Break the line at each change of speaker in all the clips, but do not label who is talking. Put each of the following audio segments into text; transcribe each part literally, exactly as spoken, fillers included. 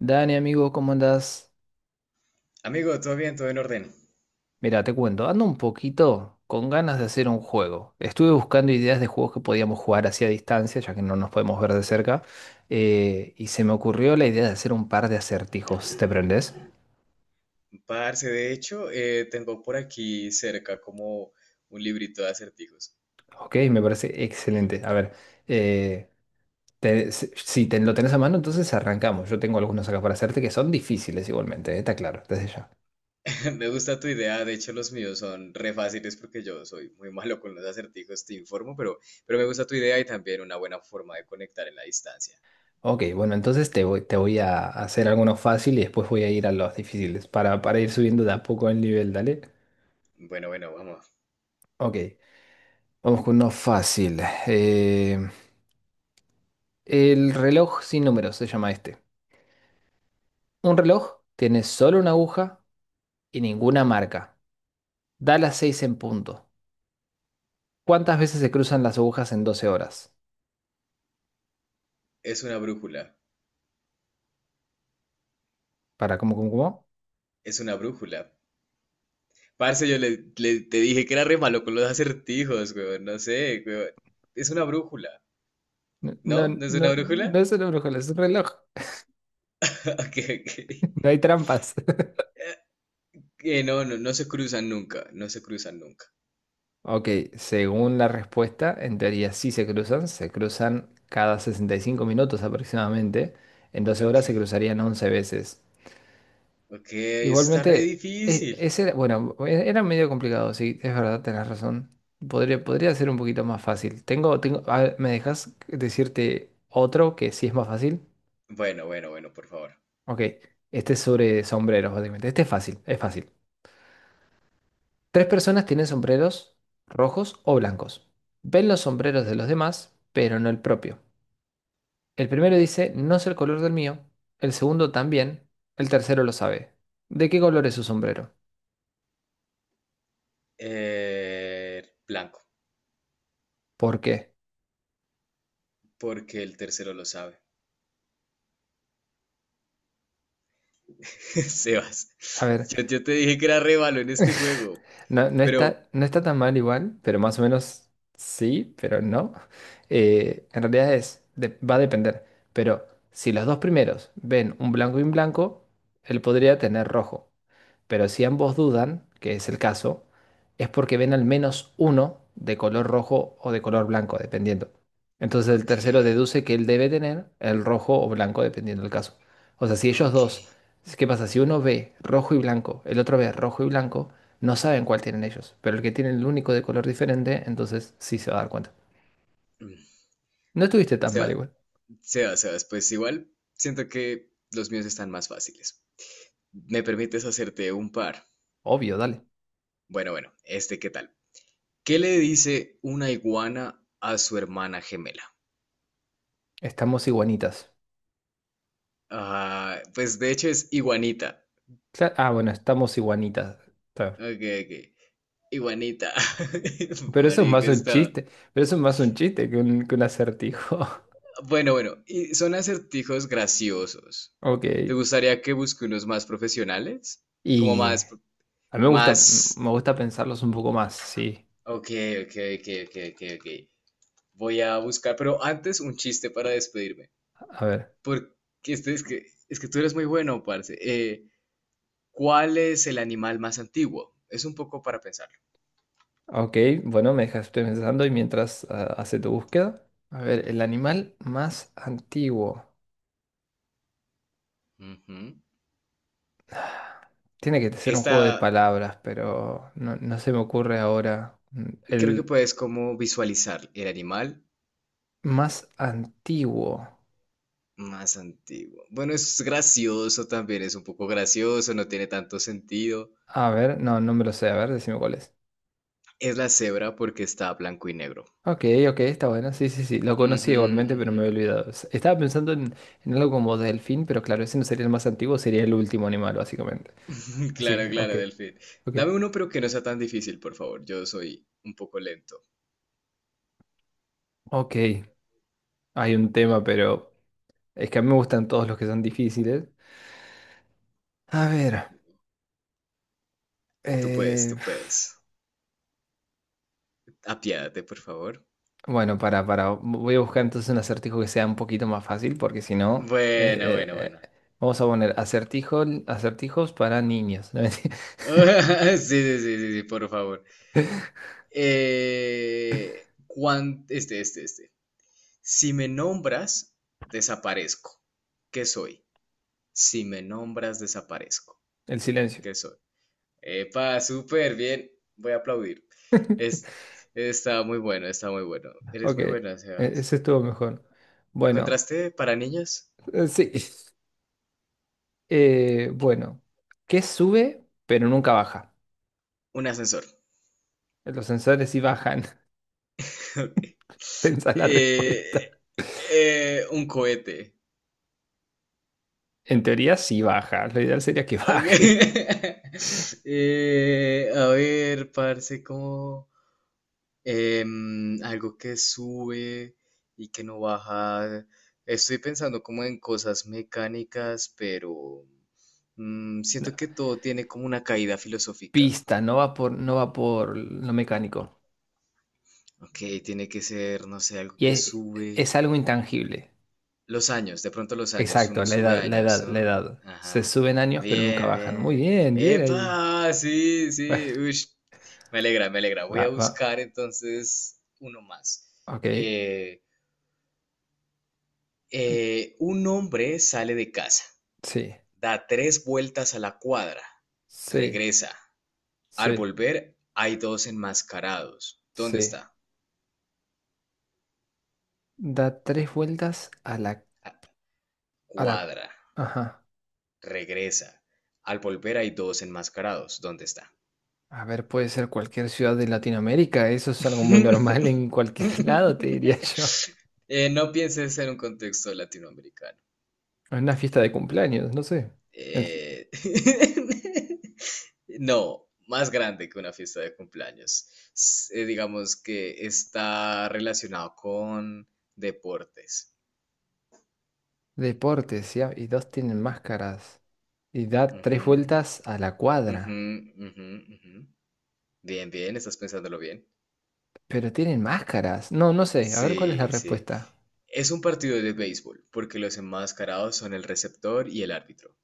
Dani, amigo, ¿cómo andás?
Amigo, todo bien, todo en orden.
Mira, te cuento, ando un poquito con ganas de hacer un juego. Estuve buscando ideas de juegos que podíamos jugar hacia distancia, ya que no nos podemos ver de cerca, eh, y se me ocurrió la idea de hacer un par de acertijos. ¿Te prendés?
Parce, de hecho, eh, tengo por aquí cerca como un librito de acertijos.
Ok, me parece excelente. A ver, eh, te- si si te, lo tenés a mano, entonces arrancamos. Yo tengo algunos acá para hacerte que son difíciles igualmente, eh, está claro, desde ya.
Me gusta tu idea, de hecho los míos son re fáciles porque yo soy muy malo con los acertijos, te informo, pero, pero me gusta tu idea y también una buena forma de conectar en la distancia.
Ok, bueno, entonces te voy, te voy a hacer algunos fáciles y después voy a ir a los difíciles para, para ir subiendo de a poco el nivel, dale.
Bueno, bueno, vamos.
Ok, vamos con uno fácil. Eh, el reloj sin números se llama este. Un reloj tiene solo una aguja y ninguna marca. Da las seis en punto. ¿Cuántas veces se cruzan las agujas en doce horas?
Es una brújula,
Para, ¿cómo, cómo, cómo?
es una brújula. Parce, yo le, le- te dije que era re malo con los acertijos, weón, no sé, weón. Es una brújula,
No, no,
¿no? ¿No es una
no, no
brújula?
es una brújula, es un reloj.
Ok, ok.
No hay trampas.
Que no, no, no se cruzan nunca, no se cruzan nunca.
Ok, según la respuesta, en teoría sí se cruzan, se cruzan cada sesenta y cinco minutos aproximadamente, en doce
Ok,
horas se cruzarían once veces.
ok, eso está re
Igualmente, e-
difícil.
ese, bueno, e- era medio complicado, sí, es verdad, tenés razón. Podría, podría ser un poquito más fácil. Tengo, tengo, a ver, ¿me dejas decirte otro que sí es más fácil?
Bueno, bueno, bueno, por favor.
Ok, este es sobre sombreros, básicamente. Este es fácil, es fácil. Tres personas tienen sombreros rojos o blancos. Ven los sombreros de los demás, pero no el propio. El primero dice, no sé el color del mío. El segundo también. El tercero lo sabe. ¿De qué color es su sombrero?
Eh, Blanco,
¿Por qué?
porque el tercero lo sabe. Sebas,
A ver.
yo, yo te dije que era re malo en este juego,
No, no
pero...
está, no está tan mal igual, pero más o menos sí, pero no. Eh, en realidad es, de- va a depender. Pero si los dos primeros ven un blanco y un blanco, él podría tener rojo. Pero si ambos dudan, que es el caso, es porque ven al menos uno de color rojo o de color blanco, dependiendo. Entonces el
Ok,
tercero deduce que él debe tener el rojo o blanco, dependiendo del caso. O sea, si ellos
ok.
dos, ¿qué pasa? Si uno ve rojo y blanco, el otro ve rojo y blanco. No saben cuál tienen ellos, pero el que tiene el único de color diferente, entonces sí se va a dar cuenta.
Mm.
No estuviste tan mal
Seba-
igual.
Sebas, Sebas, pues igual siento que los míos están más fáciles. ¿Me permites hacerte un par?
Obvio, dale.
Bueno, bueno, este, ¿qué tal? ¿Qué le dice una iguana a su hermana gemela?
Estamos iguanitas.
Ah, pues de hecho es iguanita.
Cla- ah, bueno, estamos iguanitas. Está bien.
Ok, ok. Iguanita.
Pero eso es
Marica,
más un
está.
chiste. Pero eso es más un chiste que un, que un acertijo.
Bueno, bueno. Y son acertijos graciosos.
Ok.
¿Te gustaría que busque unos más profesionales? Como
Y
más,
a mí me gusta,
más.
me gusta pensarlos un poco más, sí.
Ok, ok, ok, ok, ok, ok. Voy a buscar, pero antes un chiste para despedirme.
A ver.
Porque este es que, es que tú eres muy bueno, parce. Eh, ¿cuál es el animal más antiguo? Es un poco para pensarlo.
Ok, bueno, me dejaste pensando y mientras ah, hace tu búsqueda. A ver, el animal más antiguo.
Ujú.
Tiene que ser un juego de
Esta,
palabras, pero no, no se me ocurre ahora. Mm,
Y creo que
El
puedes como visualizar el animal
más antiguo.
más antiguo. Bueno, es gracioso también, es un poco gracioso, no tiene tanto sentido.
A ver, no, no me lo sé. A ver, decime cuál es.
Es la cebra porque está blanco y negro.
Ok, ok, está bueno. Sí, sí, sí. Lo conocí
Ujú,
igualmente, pero
ujú.
me había olvidado. S- Estaba pensando en, en algo como delfín, pero claro, ese no sería el más antiguo, sería el último animal, básicamente. Así
Claro,
que, ok,
claro, Delfín.
ok.
Dame uno, pero que no sea tan difícil, por favor. Yo soy un poco lento.
Ok, hay un tema, pero es que a mí me gustan todos los que son difíciles. A ver,
Tú puedes,
eh,
tú puedes. Apiádate, por favor.
bueno, para, para, voy a buscar entonces un acertijo que sea un poquito más fácil, porque si no, eh,
Bueno, bueno,
eh,
bueno.
eh, vamos a poner acertijo, acertijos para niños. ¿no?
Sí, sí, sí, sí, sí, por favor. Eh, cuán- este, este, este. Si me nombras, desaparezco. ¿Qué soy? Si me nombras, desaparezco.
El silencio.
¿Qué soy? Epa, súper bien. Voy a aplaudir. Es, Está muy bueno, está muy bueno. Eres
Ok,
muy
e-
buena, Sebas.
ese estuvo mejor. Bueno,
¿Encontraste para niños
eh, sí. Eh, bueno, ¿qué sube pero nunca baja?
un ascensor?
Los sensores sí bajan.
Ok.
Pensá la
Eh,
respuesta.
eh, un cohete.
En teoría sí baja. Lo ideal sería que
Ok.
baje.
Eh, a ver, parce, ¿cómo? Em, algo que sube y que no baja. Estoy pensando como en cosas mecánicas, pero mm,
No,
siento que todo tiene como una caída filosófica.
pista, no va por, no va por lo mecánico.
Ok, tiene que ser, no sé, algo
Y
que
es,
sube.
es algo intangible.
Los años, de pronto los años,
Exacto,
uno
la
sube
edad, la
años,
edad, la
¿no?
edad. Se
Ajá.
suben años, pero nunca
Bien,
bajan. Muy
bien.
bien, bien ahí.
¡Epa! Sí, sí. Ush, me alegra, me alegra. Voy a
Va, va.
buscar entonces uno más.
Ok.
Eh, Eh, un hombre sale de casa,
Sí,
da tres vueltas a la cuadra,
sí,
regresa. Al
sí,
volver hay dos enmascarados. ¿Dónde
sí.
está?
Da tres vueltas a la,
Ah,
a la...
cuadra,
Ajá.
regresa. Al volver hay dos enmascarados. ¿Dónde está?
A ver, puede ser cualquier ciudad de Latinoamérica. Eso es algo muy normal en cualquier lado, te diría yo.
Eh, no pienses en un contexto latinoamericano.
En una fiesta de cumpleaños, no sé. Es-
Eh, No, más grande que una fiesta de cumpleaños. S- eh, digamos que está relacionado con deportes.
Deportes, ¿ya? Y dos tienen máscaras. Y da tres
Ujú,
vueltas a la
ujú,
cuadra.
ujú, ujú. Bien, bien, estás pensándolo bien.
Pero tienen máscaras. No, no sé. A ver cuál es la
Sí, sí.
respuesta.
Es un partido de béisbol, porque los enmascarados son el receptor y el árbitro.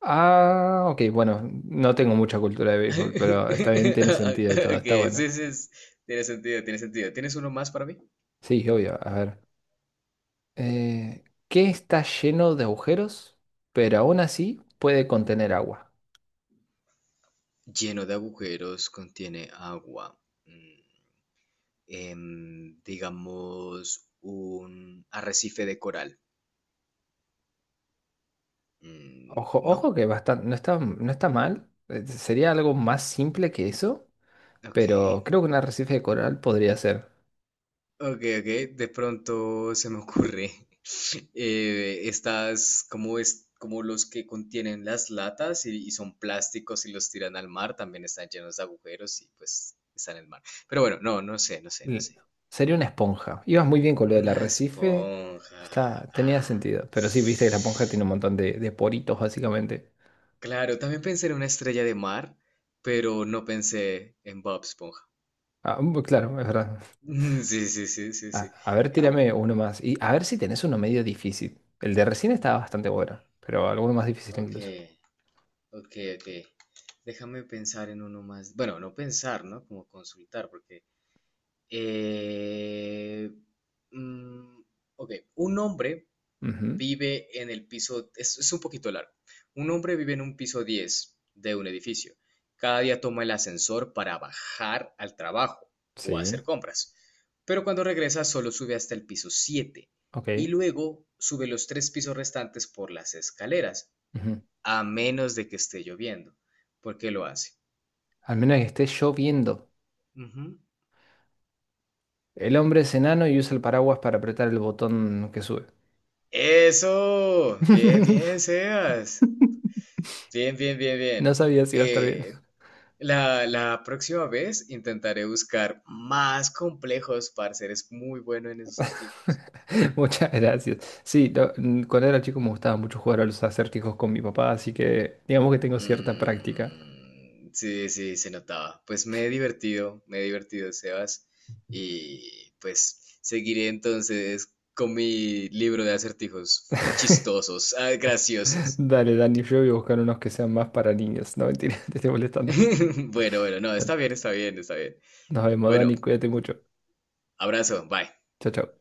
Ah, ok. Bueno, no tengo mucha cultura de béisbol, pero está bien, tiene sentido y todo.
Ok,
Está bueno.
sí, sí, es- tiene sentido, tiene sentido. ¿Tienes uno más para mí?
Sí, obvio. A ver. Eh, ¿qué está lleno de agujeros, pero aún así puede contener agua?
Lleno de agujeros, contiene agua. Em, digamos, un arrecife de coral. Mm,
Ojo,
¿no?
ojo que bastante, no está, no está mal. Eh, Sería algo más simple que eso,
Ok.
pero creo que un arrecife de coral podría ser.
Ok, ok. De pronto se me ocurre. Eh, estas, como es, como los que contienen las latas y, y son plásticos y los tiran al mar, también están llenos de agujeros y pues están en el mar. Pero bueno, no, no sé, no sé, no
L-
sé.
Sería una esponja. Ibas muy bien con lo del
Una
arrecife.
esponja.
Está, tenía
Ah.
sentido. Pero sí, viste que la esponja tiene un montón de, de poritos, básicamente.
Claro, también pensé en una estrella de mar, pero no pensé en Bob Esponja.
Ah, mm, claro, es verdad.
Sí, sí, sí, sí,
A,
sí.
a ver, tírame uno más. Y a ver si tenés uno medio difícil. El de recién estaba bastante bueno, pero alguno más difícil
Ok,
incluso.
ok, ok. Déjame pensar en uno más. Bueno, no pensar, ¿no? Como consultar, porque Eh, mm, ok, un hombre
Ujú,
vive en el piso, es, es un poquito largo. Un hombre vive en un piso diez de un edificio. Cada día toma el ascensor para bajar al trabajo o
sí,
hacer compras. Pero cuando regresa solo sube hasta el piso siete
ok.
y luego sube los tres pisos restantes por las escaleras,
Ujú.
a menos de que esté lloviendo. ¿Por qué lo hace?
Al menos que esté lloviendo.
Ujú.
El hombre es enano y usa el paraguas para apretar el botón que sube.
Eso, bien, bien, Sebas. Bien, bien, bien,
No
bien.
sabía si iba a estar bien.
Eh, la, la próxima vez intentaré buscar más complejos, parce. Eres muy bueno en esos acertijos.
Muchas gracias. Sí, lo- mm, cuando era chico me gustaba mucho jugar a los acertijos con mi papá, así que digamos que tengo cierta práctica.
Mm, sí, sí, se notaba. Pues me he divertido, me he divertido, Sebas. Y pues seguiré entonces con mi libro de acertijos chistosos, ah, graciosos.
Dale, Dani, yo voy a buscar unos que sean más para niños. No, mentira, te estoy molestando.
Bueno, bueno, no, está bien, está bien, está bien.
Nos vemos,
Bueno,
Dani, cuídate mucho.
abrazo, bye.
Chao, chao.